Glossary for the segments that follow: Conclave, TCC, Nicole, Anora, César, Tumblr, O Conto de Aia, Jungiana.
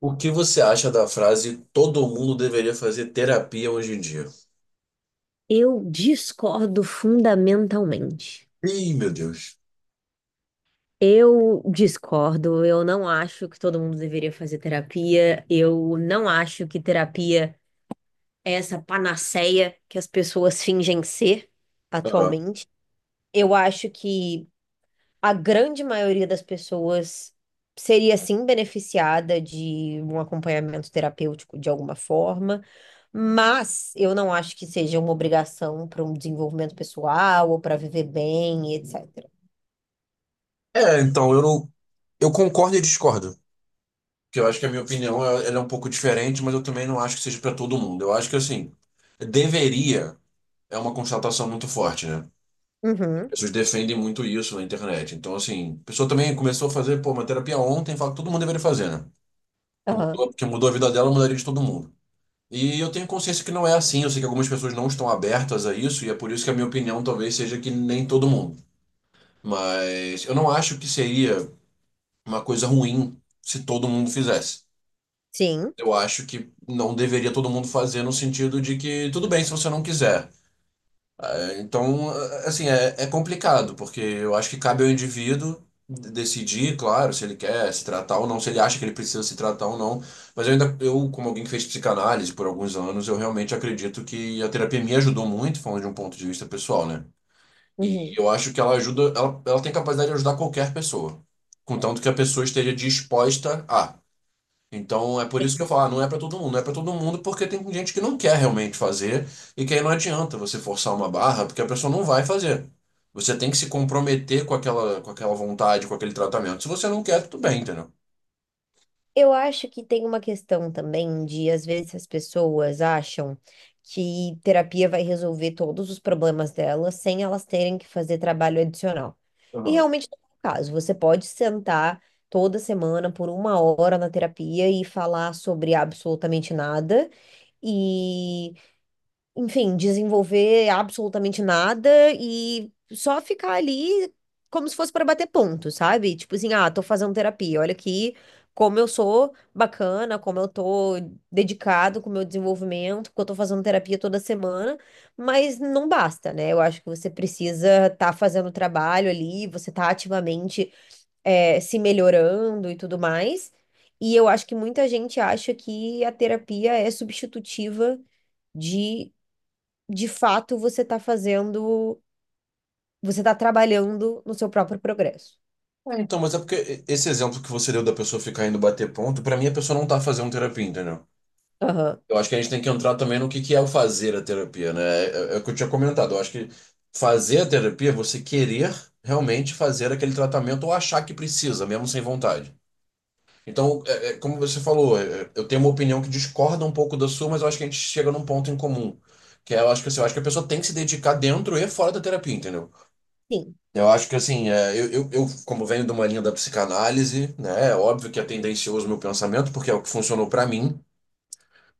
O que você acha da frase todo mundo deveria fazer terapia hoje em dia? Eu discordo fundamentalmente. Ih, meu Deus. Eu discordo, eu não acho que todo mundo deveria fazer terapia, eu não acho que terapia é essa panaceia que as pessoas fingem ser Ah. atualmente. Eu acho que a grande maioria das pessoas seria sim beneficiada de um acompanhamento terapêutico de alguma forma, mas eu não acho que seja uma obrigação para um desenvolvimento pessoal ou para viver bem, etc. É, então, eu não, eu concordo e discordo. Porque eu acho que a minha opinião ela é um pouco diferente, mas eu também não acho que seja para todo mundo. Eu acho que, assim, deveria é uma constatação muito forte, né? Uhum. As pessoas defendem muito isso na internet. Então, assim, a pessoa também começou a fazer, pô, uma terapia ontem, fala que todo mundo deveria fazer, né? Que Aham. mudou, que mudou a vida dela, mudaria de todo mundo. E eu tenho consciência que não é assim. Eu sei que algumas pessoas não estão abertas a isso, e é por isso que a minha opinião talvez seja que nem todo mundo. Mas eu não acho que seria uma coisa ruim se todo mundo fizesse. Sim. Eu acho que não deveria todo mundo fazer no sentido de que tudo bem se você não quiser. Então, assim, é complicado, porque eu acho que cabe ao indivíduo decidir, claro, se ele quer se tratar ou não, se ele acha que ele precisa se tratar ou não. Mas eu, como alguém que fez psicanálise por alguns anos, eu realmente acredito que a terapia me ajudou muito, falando de um ponto de vista pessoal, né? E Uhum. eu acho que ela tem capacidade de ajudar qualquer pessoa, contanto que a pessoa esteja disposta a. Então é por isso que eu Sim. falo, ah, não é para todo mundo, não é para todo mundo porque tem gente que não quer realmente fazer e que aí não adianta você forçar uma barra porque a pessoa não vai fazer. Você tem que se comprometer com aquela vontade, com aquele tratamento. Se você não quer, tudo bem, entendeu? Eu acho que tem uma questão também de, às vezes, as pessoas acham que terapia vai resolver todos os problemas delas sem elas terem que fazer trabalho adicional. E Aham. realmente não é o caso. Você pode sentar toda semana por uma hora na terapia e falar sobre absolutamente nada enfim, desenvolver absolutamente nada e só ficar ali como se fosse para bater ponto, sabe? Tipo assim, ah, tô fazendo terapia, olha aqui como eu sou bacana, como eu tô dedicado com o meu desenvolvimento, porque eu tô fazendo terapia toda semana, mas não basta, né? Eu acho que você precisa estar fazendo o trabalho ali, você tá ativamente, se melhorando e tudo mais. E eu acho que muita gente acha que a terapia é substitutiva de de fato você está fazendo, você está trabalhando no seu próprio progresso. É, então, mas é porque esse exemplo que você deu da pessoa ficar indo bater ponto, pra mim a pessoa não tá fazendo terapia, entendeu? Aham. Eu acho que a gente tem que entrar também no que é o fazer a terapia, né? É, é o que eu tinha comentado. Eu acho que fazer a terapia é você querer realmente fazer aquele tratamento ou achar que precisa, mesmo sem vontade. Então, é como você falou, é, eu tenho uma opinião que discorda um pouco da sua, mas eu acho que a gente chega num ponto em comum. Que é, eu acho que, assim, eu acho que a pessoa tem que se dedicar dentro e fora da terapia, entendeu? Sim. Eu acho que, assim, é, eu, como venho de uma linha da psicanálise, né, é óbvio que é tendencioso o meu pensamento, porque é o que funcionou pra mim.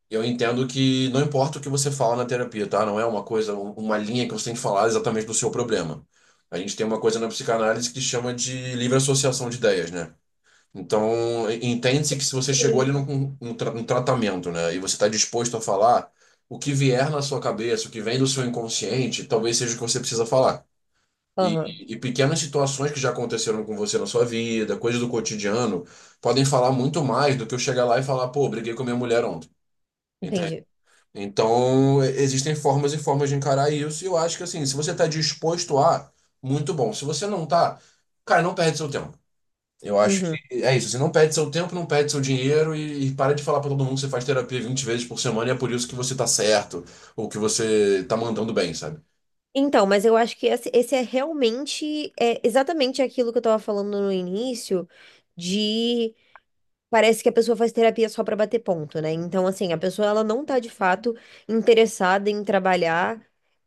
Eu entendo que não importa o que você fala na terapia, tá? Não é uma coisa, uma linha que você tem que falar exatamente do seu problema. A gente tem uma coisa na psicanálise que chama de livre associação de ideias, né? Então, entende-se que se você chegou Sim. ali num tratamento, né, e você está disposto a falar, o que vier na sua cabeça, o que vem do seu inconsciente, talvez seja o que você precisa falar. E, Aham. e pequenas situações que já aconteceram com você na sua vida, coisas do cotidiano, podem falar muito mais do que eu chegar lá e falar, pô, briguei com a minha mulher ontem. Entende? Entendi. Então, existem formas e formas de encarar isso, e eu acho que assim, se você está disposto a, muito bom. Se você não tá, cara, não perde seu tempo. Eu acho que Uhum. é isso. Você não perde seu tempo, não perde seu dinheiro e para de falar para todo mundo que você faz terapia 20 vezes por semana e é por isso que você tá certo ou que você tá mandando bem, sabe? Então, mas eu acho que esse é realmente, é exatamente aquilo que eu estava falando no início, de parece que a pessoa faz terapia só para bater ponto, né? Então, assim, a pessoa ela não tá de fato interessada em trabalhar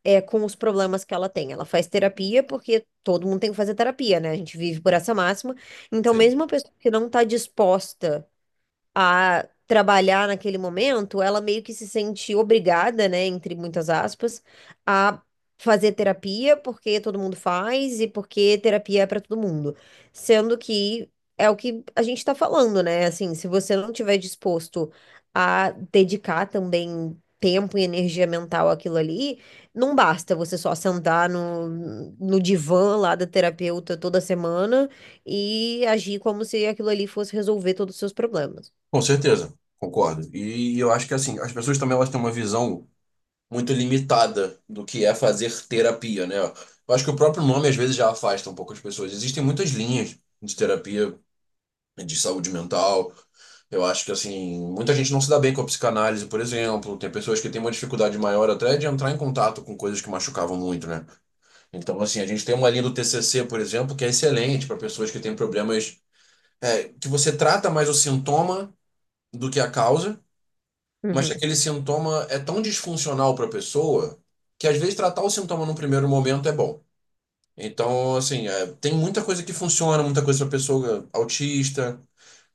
com os problemas que ela tem. Ela faz terapia porque todo mundo tem que fazer terapia, né? A gente vive por essa máxima. Então, Sim. mesmo a pessoa que não tá disposta a trabalhar naquele momento, ela meio que se sente obrigada, né, entre muitas aspas, a fazer terapia porque todo mundo faz e porque terapia é para todo mundo. Sendo que é o que a gente está falando, né? Assim, se você não tiver disposto a dedicar também tempo e energia mental àquilo ali, não basta você só sentar no divã lá da terapeuta toda semana e agir como se aquilo ali fosse resolver todos os seus problemas. Com certeza, concordo. E eu acho que assim, as pessoas também elas têm uma visão muito limitada do que é fazer terapia, né? Eu acho que o próprio nome às vezes já afasta um pouco as pessoas. Existem muitas linhas de terapia de saúde mental. Eu acho que, assim, muita gente não se dá bem com a psicanálise, por exemplo. Tem pessoas que têm uma dificuldade maior até de entrar em contato com coisas que machucavam muito, né? Então, assim, a gente tem uma linha do TCC, por exemplo, que é excelente para pessoas que têm problemas, é, que você trata mais o sintoma do que a causa, mas que Uhum, aquele sintoma é tão disfuncional para a pessoa que, às vezes, tratar o sintoma num primeiro momento é bom. Então, assim, é, tem muita coisa que funciona, muita coisa para pessoa autista.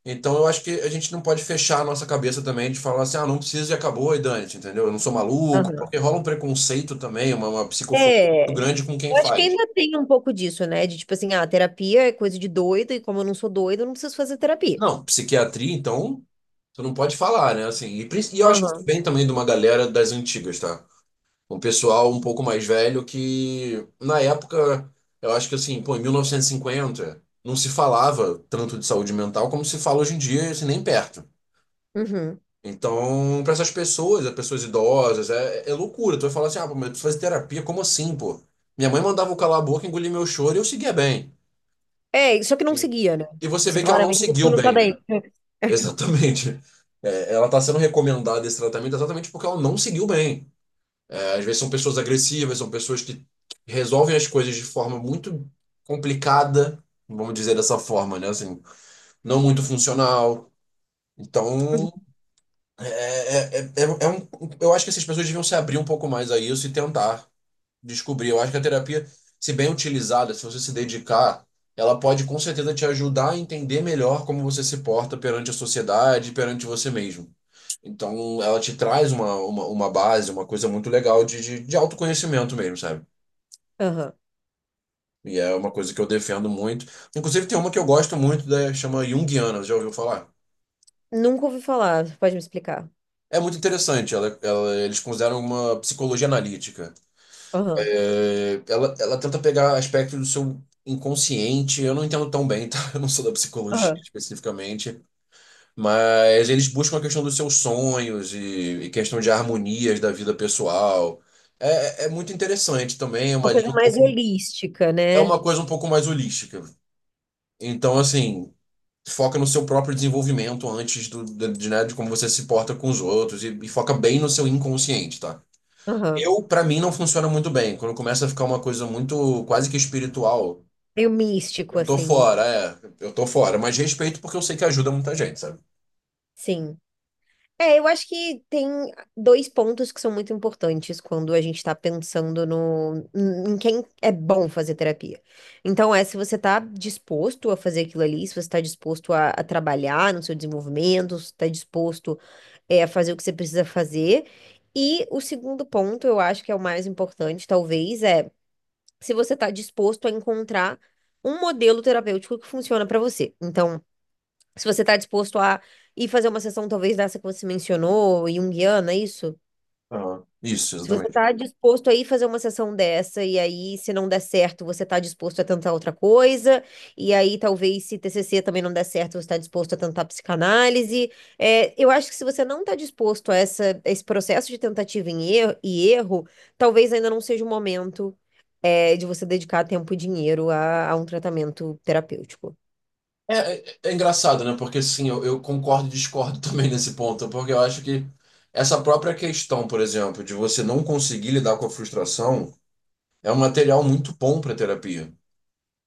Então eu acho que a gente não pode fechar a nossa cabeça também de falar assim, ah, não precisa e acabou e dane-se, entendeu? Eu não sou maluco, aham. porque rola um preconceito também, uma psicofobia muito É. grande com quem Eu acho que faz. ainda tem um pouco disso, né? De tipo assim, ah, terapia é coisa de doido, e como eu não sou doida, eu não preciso fazer terapia. Não, psiquiatria, então, tu não pode falar, né? Assim, e eu acho que isso Aham. vem também de uma galera das antigas, tá? Um pessoal um pouco mais velho que, na época, eu acho que assim, pô, em 1950, não se falava tanto de saúde mental como se fala hoje em dia, assim, nem perto. Uhum. Então, para essas pessoas, as pessoas idosas, é loucura. Tu vai falar assim, ah, pô, mas eu preciso fazer terapia, como assim, pô? Minha mãe mandava eu calar a boca, engolir meu choro e eu seguia bem. É, só que não Sim. seguia, né? E você Você vê que ela não claramente você seguiu não tá bem, né? bem. Exatamente. É, ela está sendo recomendada esse tratamento exatamente porque ela não seguiu bem. É, às vezes são pessoas agressivas, são pessoas que resolvem as coisas de forma muito complicada, vamos dizer dessa forma, né? Assim, não muito funcional. Uhum. Então, É, é, é, é um, eu acho que essas pessoas deviam se abrir um pouco mais a isso e tentar descobrir. Eu acho que a terapia, se bem utilizada, se você se dedicar, ela pode com certeza te ajudar a entender melhor como você se porta perante a sociedade, perante você mesmo. Então, ela te traz uma base, uma coisa muito legal de autoconhecimento mesmo, sabe? Aham. E é uma coisa que eu defendo muito. Inclusive, tem uma que eu gosto muito, chama Jungiana, já ouviu falar? Nunca ouvi falar, pode me explicar. É muito interessante, eles consideram uma psicologia analítica. Aham. É, ela tenta pegar aspectos do seu inconsciente. Eu não entendo tão bem, tá? Eu não sou da psicologia Aham. especificamente, mas eles buscam a questão dos seus sonhos e questão de harmonias da vida pessoal. É muito interessante também, é Uma uma coisa linha um mais pouco, holística, é né? uma coisa um pouco mais holística. Então, assim, foca no seu próprio desenvolvimento antes de, né, de como você se porta com os outros e foca bem no seu inconsciente, tá? Aham. Pra mim, não funciona muito bem. Quando começa a ficar uma coisa muito quase que espiritual, Meio místico, eu tô assim. fora, é. Eu tô fora. Mas respeito porque eu sei que ajuda muita gente, sabe? Sim. É, eu acho que tem dois pontos que são muito importantes quando a gente está pensando no, em quem é bom fazer terapia. Então, é se você está disposto a fazer aquilo ali, se você está disposto a trabalhar no seu desenvolvimento, se está disposto, a fazer o que você precisa fazer. E o segundo ponto, eu acho que é o mais importante, talvez, é se você está disposto a encontrar um modelo terapêutico que funciona para você. Então, se você está disposto a ir fazer uma sessão, talvez dessa que você mencionou, junguiana, é isso? Aham. Isso, Se você exatamente. está disposto a ir fazer uma sessão dessa, e aí, se não der certo, você está disposto a tentar outra coisa, e aí, talvez, se TCC também não der certo, você está disposto a tentar psicanálise. É, eu acho que se você não está disposto a esse processo de tentativa e erro, talvez ainda não seja o momento, de você dedicar tempo e dinheiro a um tratamento terapêutico. É, é engraçado, né? Porque sim, eu concordo e discordo também nesse ponto, porque eu acho que essa própria questão, por exemplo, de você não conseguir lidar com a frustração, é um material muito bom para terapia.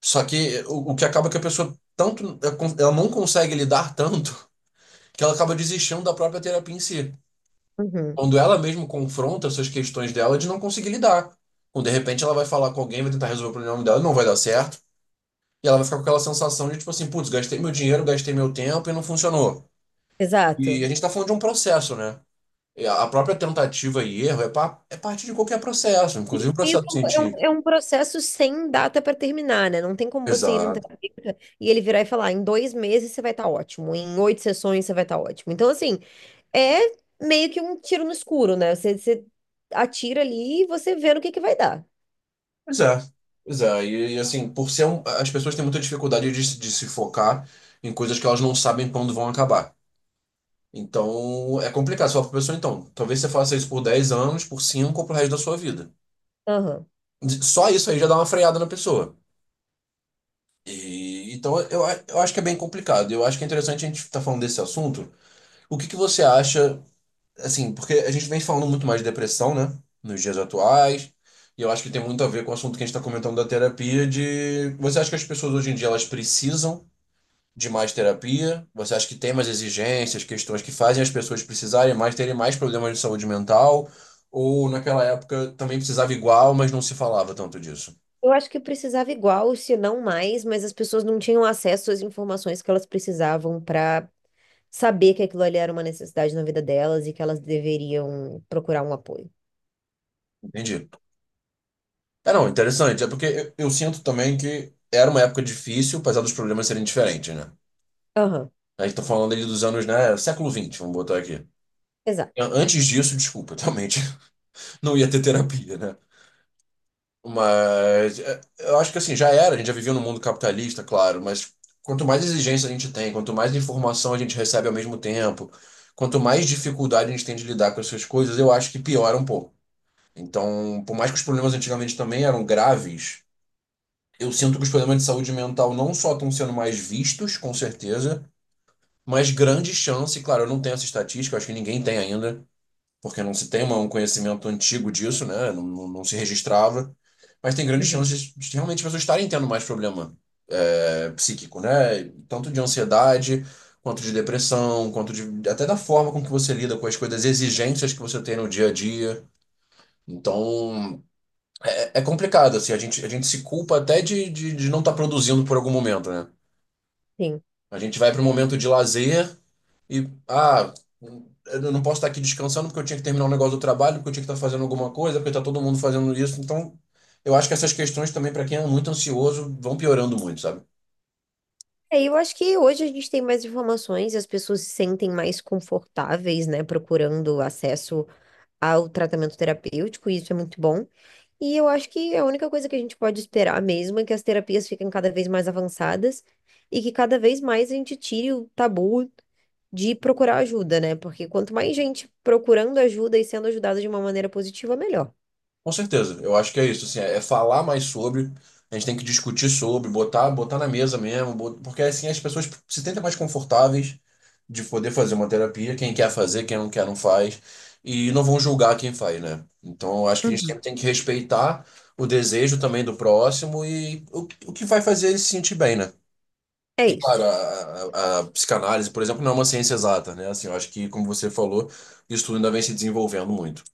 Só que o que acaba é que a pessoa tanto ela não consegue lidar tanto que ela acaba desistindo da própria terapia em si. Uhum. Quando ela mesmo confronta essas questões dela de não conseguir lidar. Quando de repente ela vai falar com alguém, vai tentar resolver o problema dela, não vai dar certo. E ela vai ficar com aquela sensação de tipo assim, putz, gastei meu dinheiro, gastei meu tempo e não funcionou. E a Exato. gente tá falando de um processo, né? E a própria tentativa e erro é parte de qualquer processo, E inclusive o e processo é um, científico. é um processo sem data para terminar, né? Não tem como você ir num Exato. terapeuta e ele virar e falar, em 2 meses você vai estar ótimo, em oito sessões você vai estar ótimo. Então, assim, é meio que um tiro no escuro, né? Você atira ali e você vê no que vai dar. Pois é. Pois é. E, assim, as pessoas têm muita dificuldade de se focar em coisas que elas não sabem quando vão acabar. Então, é complicado. Você fala pra pessoa, então, talvez você faça isso por 10 anos, por 5 ou pro resto da sua vida. Aham. Só isso aí já dá uma freada na pessoa. E, então, eu acho que é bem complicado. Eu acho que é interessante a gente estar falando desse assunto. O que que você acha, assim, porque a gente vem falando muito mais de depressão, né, nos dias atuais, e eu acho que tem muito a ver com o assunto que a gente está comentando da terapia, de você acha que as pessoas hoje em dia elas precisam de mais terapia? Você acha que tem mais exigências, questões que fazem as pessoas precisarem mais, terem mais problemas de saúde mental? Ou naquela época também precisava igual, mas não se falava tanto disso? Eu acho que precisava igual, se não mais, mas as pessoas não tinham acesso às informações que elas precisavam para saber que aquilo ali era uma necessidade na vida delas e que elas deveriam procurar um apoio. Entendi. É, não, interessante. É porque eu sinto também que era uma época difícil, apesar dos problemas serem diferentes, né? Aham, A gente tá falando ali dos anos, né? Século XX, vamos botar aqui. exato. Antes disso, desculpa, realmente não ia ter terapia, né? Mas é, eu acho que assim, já era, a gente já vivia num mundo capitalista, claro, mas quanto mais exigência a gente tem, quanto mais informação a gente recebe ao mesmo tempo, quanto mais dificuldade a gente tem de lidar com essas coisas, eu acho que piora um pouco. Então, por mais que os problemas antigamente também eram graves, eu sinto que os problemas de saúde mental não só estão sendo mais vistos, com certeza, mas grande chance, claro, eu não tenho essa estatística, eu acho que ninguém tem ainda, porque não se tem um conhecimento antigo disso, né? Não, não se registrava. Mas tem grandes Uhum. chances de realmente as pessoas estarem tendo mais problema psíquico, né? Tanto de ansiedade, quanto de depressão, quanto de, até da forma com que você lida com as coisas, as exigências que você tem no dia a dia. Então, é complicado, assim, a gente se culpa até de não estar produzindo por algum momento, né? Sim. A gente vai para um momento de lazer. E eu não posso estar aqui descansando porque eu tinha que terminar um negócio do trabalho, porque eu tinha que estar fazendo alguma coisa, porque está todo mundo fazendo isso. Então, eu acho que essas questões também, para quem é muito ansioso, vão piorando muito, sabe? É, eu acho que hoje a gente tem mais informações, as pessoas se sentem mais confortáveis, né, procurando acesso ao tratamento terapêutico, e isso é muito bom. E eu acho que a única coisa que a gente pode esperar mesmo é que as terapias fiquem cada vez mais avançadas e que cada vez mais a gente tire o tabu de procurar ajuda, né? Porque quanto mais gente procurando ajuda e sendo ajudada de uma maneira positiva, melhor. Com certeza, eu acho que é isso, assim, é falar mais sobre, a gente tem que discutir sobre, botar, botar na mesa mesmo, porque assim as pessoas se sentem mais confortáveis de poder fazer uma terapia, quem quer fazer, quem não quer não faz, e não vão julgar quem faz, né? Então eu acho que a gente Uhum. sempre tem que respeitar o desejo também do próximo e o que vai fazer ele se sentir bem, né? É E claro, isso. a psicanálise, por exemplo, não é uma ciência exata, né? Assim, eu acho que, como você falou, isso tudo ainda vem se desenvolvendo muito.